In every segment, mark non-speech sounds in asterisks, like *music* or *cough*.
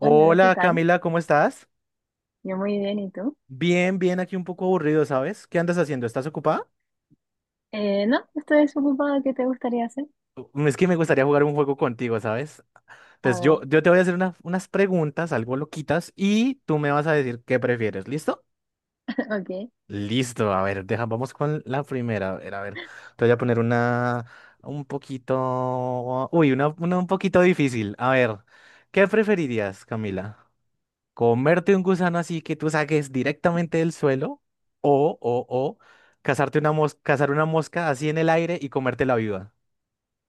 Hola, ¿qué tal? Camila, ¿cómo estás? Yo muy bien, ¿y tú? Bien, bien, aquí un poco aburrido, ¿sabes? ¿Qué andas haciendo? ¿Estás ocupada? No, estoy desocupada. ¿Qué te gustaría hacer? Es que me gustaría jugar un juego contigo, ¿sabes? A Entonces ver, yo te voy a hacer unas preguntas, algo loquitas, y tú me vas a decir qué prefieres, ¿listo? *laughs* ok. Listo, a ver, deja, vamos con la primera, a ver, te voy a poner una un poquito, uy, una un poquito difícil, a ver, ¿qué preferirías, Camila? Comerte un gusano así que tú saques directamente del suelo o cazar una mosca así en el aire y comértela viva.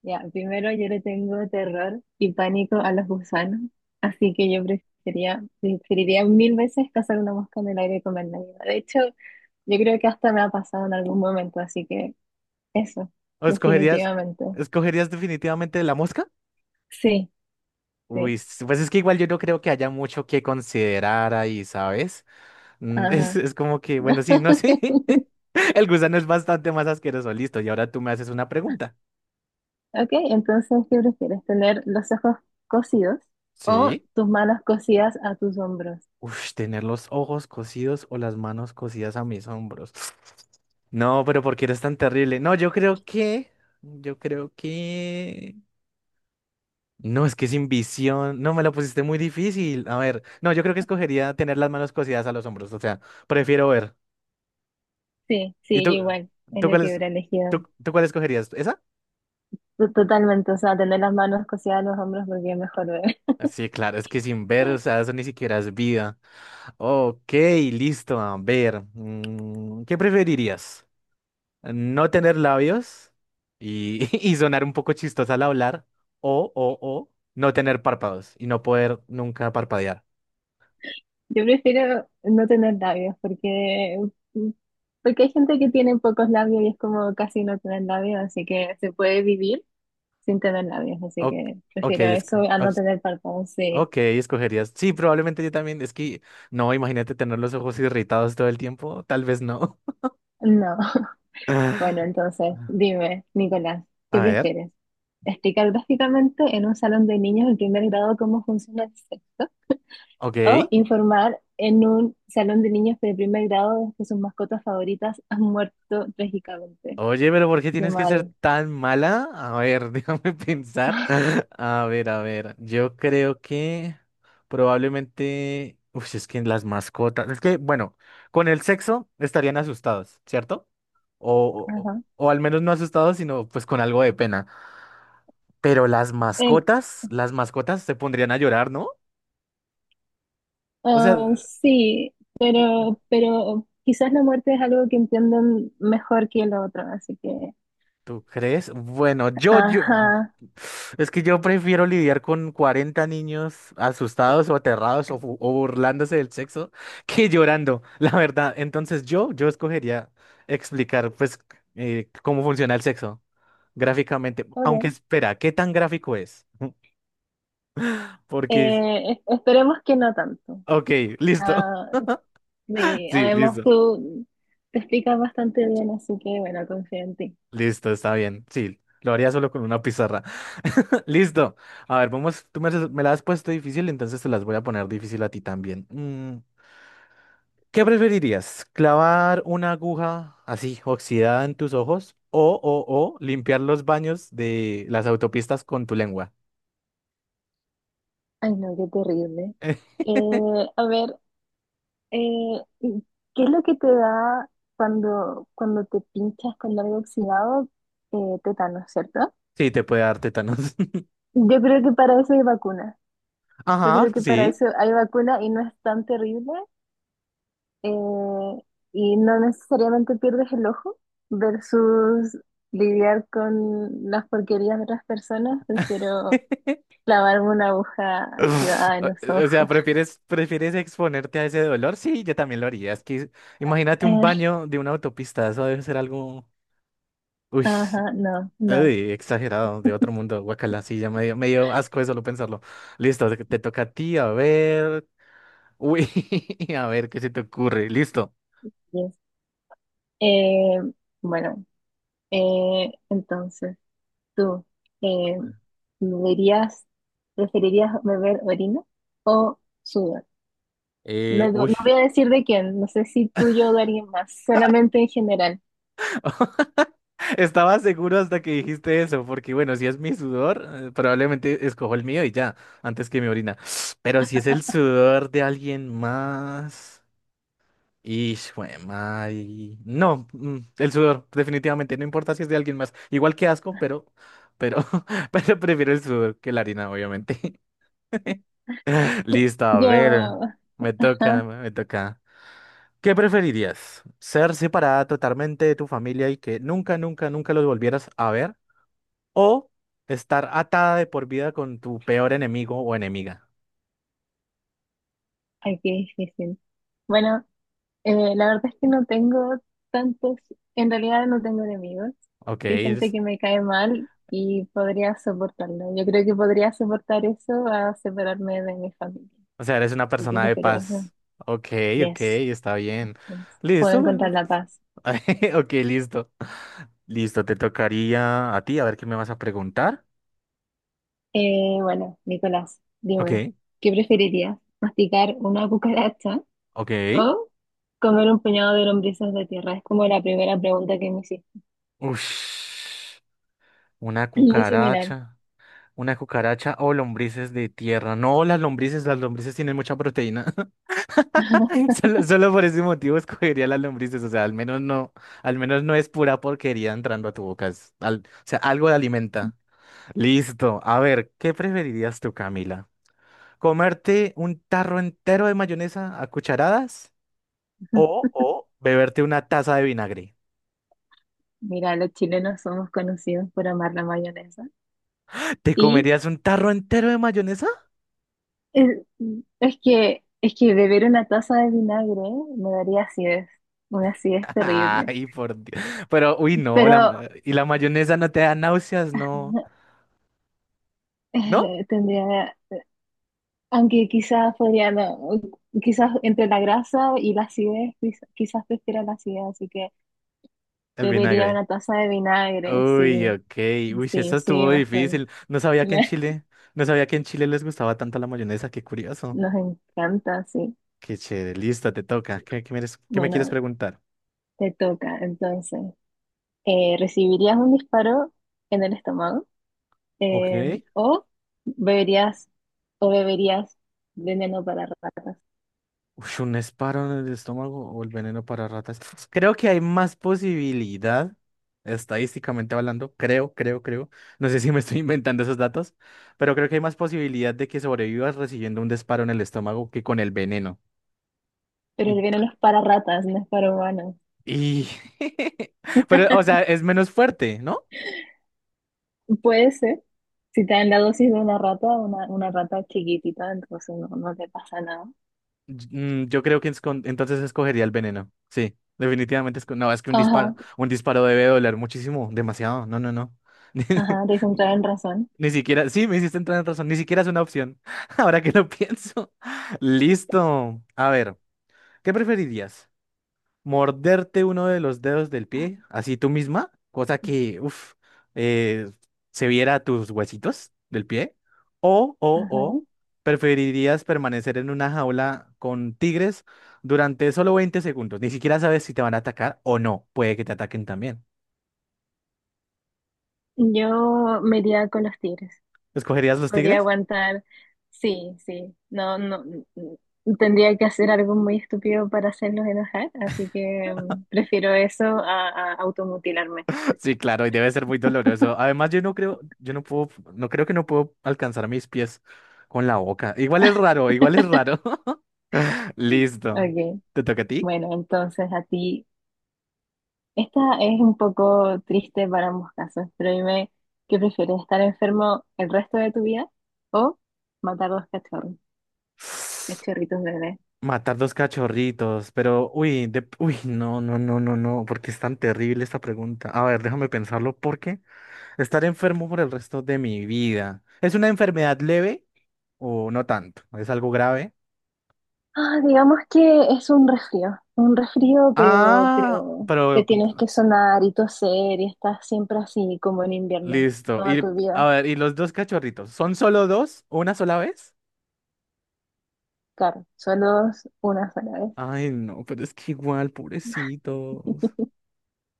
Ya, primero yo le tengo terror y pánico a los gusanos, así que yo preferiría mil veces cazar una mosca en el aire y comerla viva. De hecho, yo creo que hasta me ha pasado en algún momento, así que eso, ¿O definitivamente. escogerías definitivamente la mosca? Sí, Uy, sí, pues es que igual yo no creo que haya mucho que considerar ahí, ¿sabes? Mm, *laughs* Es, ajá. es como que, bueno, sí, no sé. *laughs* *laughs* El gusano es bastante más asqueroso, listo. Y ahora tú me haces una pregunta. Ok, entonces, ¿qué prefieres? ¿Tener los ojos cosidos o Sí. tus manos cosidas a tus hombros? Uf, tener los ojos cosidos o las manos cosidas a mis hombros. *sniffs* No, pero ¿por qué eres tan terrible? No, yo creo que... No, es que sin visión. No, me la pusiste muy difícil. A ver, no, yo creo que escogería tener las manos cosidas a los hombros. O sea, prefiero ver. Sí, ¿Y sí, yo tú, igual, es tú lo cuál que es- hubiera elegido. tú cuál escogerías? ¿Esa? Totalmente, o sea, tener las manos cosidas en los hombros porque es mejor ver. Ah, sí, claro, es que sin ver, o sea, *laughs* eso ni siquiera es vida. Ok, listo, a ver. ¿Qué preferirías? No tener labios y, *laughs* y sonar un poco chistosa al hablar, o no tener párpados y no poder nunca parpadear. Yo prefiero no tener labios porque, porque hay gente que tiene pocos labios y es como casi no tener labios, así que se puede vivir sin tener labios, así Ok, que ok, prefiero eso a no tener párpados, sí. ok, escogerías. Sí, probablemente yo también. Es que, no, imagínate tener los ojos irritados todo el tiempo. Tal vez no. No. *laughs* *laughs* Bueno, entonces, dime, Nicolás, ¿qué A ver, prefieres? ¿Explicar gráficamente en un salón de niños del primer grado cómo funciona el sexo? ¿O ok. informar en un salón de niños de primer grado de que sus mascotas favoritas *laughs* han muerto trágicamente? Oye, pero ¿por qué Qué tienes que ser mal. tan mala? A ver, *laughs* déjame pensar. *laughs* *laughs* A ver, a ver. Yo creo que probablemente. Uf, es que las mascotas. Es que, bueno, con el sexo estarían asustados, ¿cierto? O, o, Ajá. o al menos no asustados, sino pues con algo de pena. Pero Em, las mascotas se pondrían a llorar, ¿no? O ah, sea. sí, pero quizás la muerte es algo que entienden mejor que lo otro, así que... ¿Tú crees? Bueno, yo, Ajá, es que yo prefiero lidiar con 40 niños asustados o aterrados o o burlándose del sexo *laughs* que llorando, la verdad. Entonces yo escogería explicar, pues, cómo funciona el sexo gráficamente. Aunque ok. espera, ¿qué tan gráfico es? *laughs* Porque, Esperemos que no tanto. ok, listo. Ah, *laughs* sí, Sí, además listo. tú te explicas bastante bien, así que bueno, confío en ti. Listo, está bien. Sí, lo haría solo con una pizarra. *laughs* Listo. A ver, vamos. Me la has puesto difícil, entonces te las voy a poner difícil a ti también. Mm, ¿qué preferirías? ¿Clavar una aguja así oxidada en tus ojos o, o limpiar los baños de las autopistas con tu lengua? Ay, no, qué terrible. *laughs* A ver, Eh, ¿y ¿qué es lo que te da cuando te pinchas con algo oxidado? ¿Tétanos, cierto? Sí, te puede dar tétanos. *laughs* Yo creo que para eso hay vacuna. Yo Ajá, creo que para sí. eso hay vacuna y no es tan terrible. eh, y no necesariamente pierdes el ojo versus lidiar con las porquerías de otras personas. Prefiero *laughs* clavarme una aguja oxidada en los O sea, ojos. *laughs* Prefieres exponerte a ese dolor? Sí, yo también lo haría. Es que imagínate un Eh, baño de una autopista, eso debe ser algo, uy, ajá, no, no, uy, exagerado, de otro mundo, guacala, sí, me dio asco de solo pensarlo. Listo, te toca a ti, a ver, uy, *laughs* a ver qué se te ocurre, listo. yes. Eh, bueno, entonces, tú, eh, ¿me ¿verías, preferirías beber orina o sudor? No, Uy, no voy a decir de quién, no sé si tuyo o de alguien más, solamente en general. *laughs* estaba seguro hasta que dijiste eso, porque bueno, si es mi sudor, probablemente escojo el mío y ya, antes que mi orina. *sniffs* Pero si es el sudor de alguien más. Y madre. No, el sudor, definitivamente, no importa si es de alguien más. Igual que asco, pero, *laughs* pero prefiero el sudor que la harina, obviamente. *laughs* Listo, a ver. Yo, ajá, Me toca. ¿Qué preferirías? ¿Ser separada totalmente de tu familia y que nunca, nunca, nunca los volvieras a ver? ¿O estar atada de por vida con tu peor enemigo o enemiga? ay, qué difícil. Bueno, la verdad es que no tengo tantos, en realidad no tengo enemigos. Ok, Sí, hay gente que me cae mal y podría soportarlo. Yo creo que podría soportar eso a separarme de mi familia. o sea, eres una Yo persona de prefiero eso. paz. Ok, ok, Yes. está bien. Yes. Puedo Listo, encontrar bueno. la paz. *laughs* Ok, listo. Listo, te tocaría a ti, a ver qué me vas a preguntar. Bueno, Nicolás, dime, Ok, ¿qué preferirías? ¿Masticar una cucaracha ok. o comer un puñado de lombrices de tierra? Es como la primera pregunta que me hiciste. Ush, una *clears throat* Muy similar. cucaracha. Una cucaracha o lombrices de tierra. No, las lombrices tienen mucha proteína. *laughs* Solo por ese motivo escogería las lombrices. O sea, al menos no es pura porquería entrando a tu boca. O sea, algo de alimenta. Listo. A ver, ¿qué preferirías tú, Camila? ¿Comerte un tarro entero de mayonesa a cucharadas? O beberte una taza de vinagre. Mira, los chilenos somos conocidos por amar la mayonesa. ¿Te Y comerías un tarro entero de mayonesa? es, es, que, es que beber una taza de vinagre me daría acidez, una acidez *laughs* terrible. Ay, por Dios. Pero, uy, no, Pero y la mayonesa no te da náuseas, no. *laughs* ¿No? Tendría aunque quizás podría, no, quizás entre la grasa y la acidez, quizás prefiera la acidez, así que El bebería vinagre. una taza de vinagre, Uy, sí, ok. Uy, sí, sí, esa sí, estuvo mejor. difícil. No sabía que en Me- Chile, no sabía que en Chile les gustaba tanto la mayonesa, qué curioso. Nos encanta, sí. Qué chévere, listo, te toca. Qué me quieres Bueno, preguntar? te toca, entonces. ¿Recibirías un disparo en el estómago? Ok. Eh, ¿O beberías, beberías veneno para ratas? Uy, un disparo en el estómago o el veneno para ratas. Creo que hay más posibilidad, estadísticamente hablando, creo, creo, creo. No sé si me estoy *laughs* inventando esos datos, pero creo que hay más posibilidad de que sobrevivas recibiendo un disparo en el estómago que con el veneno. Pero Mm, el veneno es para ratas, no es para humanos. y... *laughs* Pero, o sea, es menos fuerte, ¿no? Puede ser. Si te dan la dosis de una rata, una rata chiquitita, entonces no, no te pasa nada. Yo creo que es entonces escogería el veneno. Sí, definitivamente. No, es que Ajá, un disparo debe doler muchísimo, demasiado. No, no, no. *laughs* ajá, te hice entrar en razón. Ni siquiera, sí, me hiciste entrar en razón, ni siquiera es una opción. *laughs* Ahora que lo pienso. *laughs* Listo. A ver, ¿qué preferirías? ¿Morderte uno de los dedos del pie, así tú misma? Cosa que, uff, se viera tus huesitos del pie. O, o, Ajá. o, ¿Preferirías permanecer en una jaula con tigres durante solo 20 segundos? Ni siquiera sabes si te van a atacar o no. Puede que te ataquen también. Yo me iría con los tigres. ¿Escogerías los Podría tigres? aguantar. Sí, sí. No, no. Tendría que hacer algo muy estúpido para hacerlos enojar, así que prefiero eso a, automutilarme. Sí, claro, y debe ser muy doloroso. Además, yo no creo, yo no puedo, no creo que no puedo alcanzar mis pies con la boca. Igual es raro, igual es raro. *laughs* Listo. Ok, ¿Te toca a ti? bueno, entonces a ti. Esta es un poco triste para ambos casos, pero dime, ¿qué prefieres, estar enfermo el resto de tu vida o matar dos cachorros, cachorritos bebés? Matar dos cachorritos, pero uy, de, uy, no, no, no, no, no, porque es tan terrible esta pregunta. A ver, déjame pensarlo, porque estar enfermo por el resto de mi vida. ¿Es una enfermedad leve o no tanto? ¿Es algo grave? Ah, digamos que es un resfrío, pero, Ah, pero pero te tienes que sonar y toser y estás siempre así como en invierno, listo. toda Y tu a vida. ver, ¿y los dos cachorritos? ¿Son solo dos? ¿O una sola vez? Claro, solo es una sola vez. Ay, no, pero es que igual, pobrecitos.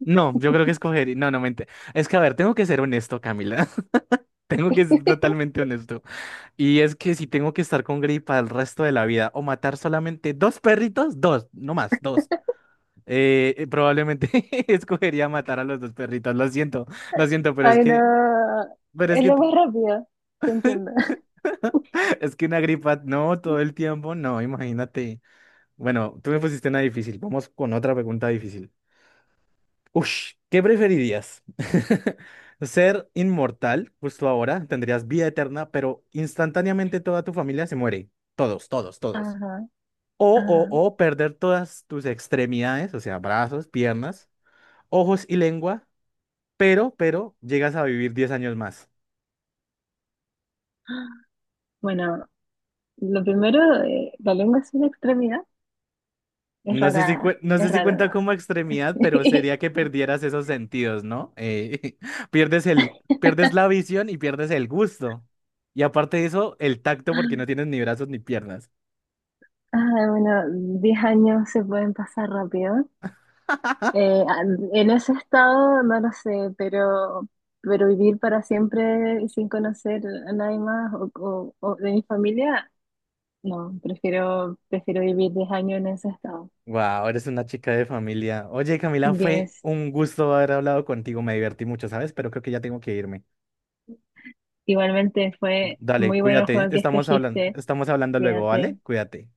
No, yo creo que escogería. No, no, mente. Es que, a ver, tengo que ser honesto, Camila. *laughs* Tengo que ser *laughs* totalmente honesto. Y es que si tengo que estar con gripa el resto de la vida o matar solamente dos perritos, dos, no más, dos. Probablemente *laughs* escogería matar a los dos perritos. Lo siento, Ay, no, pero es es que, lo más rápido, te entiendo. *laughs* es que una gripa, no, todo el tiempo, no, imagínate. Bueno, tú me pusiste una difícil. Vamos con otra pregunta difícil. Ush, ¿qué preferirías? *laughs* ¿Ser inmortal justo ahora? Tendrías vida eterna, pero instantáneamente toda tu familia se muere. Todos, todos, todos. Ajá, O, o, ajá. o perder todas tus extremidades, o sea, brazos, piernas, ojos y lengua, pero llegas a vivir 10 años más. Bueno, lo primero, la lengua es una extremidad. Es No sé si, rara, no sé es si raro. cuenta como extremidad, pero sería que *laughs* perdieras esos sentidos, ¿no? *laughs* Pierdes el, pierdes la visión y pierdes el gusto. Y aparte de eso, el tacto porque no tienes ni brazos ni piernas. Ah, bueno, 10 años se pueden pasar rápido. Eh, en ese estado no lo sé, pero, vivir para siempre sin conocer a nadie más o, o de mi familia, no, prefiero vivir 10 años en ese estado. Wow, eres una chica de familia. Oye, Camila, fue Tienes, un gusto haber hablado contigo. Me divertí mucho, ¿sabes? Pero creo que ya tengo que irme. igualmente fue Dale, muy bueno el cuídate. juego que escogiste, Estamos hablando luego, ¿vale? cuídate. Cuídate.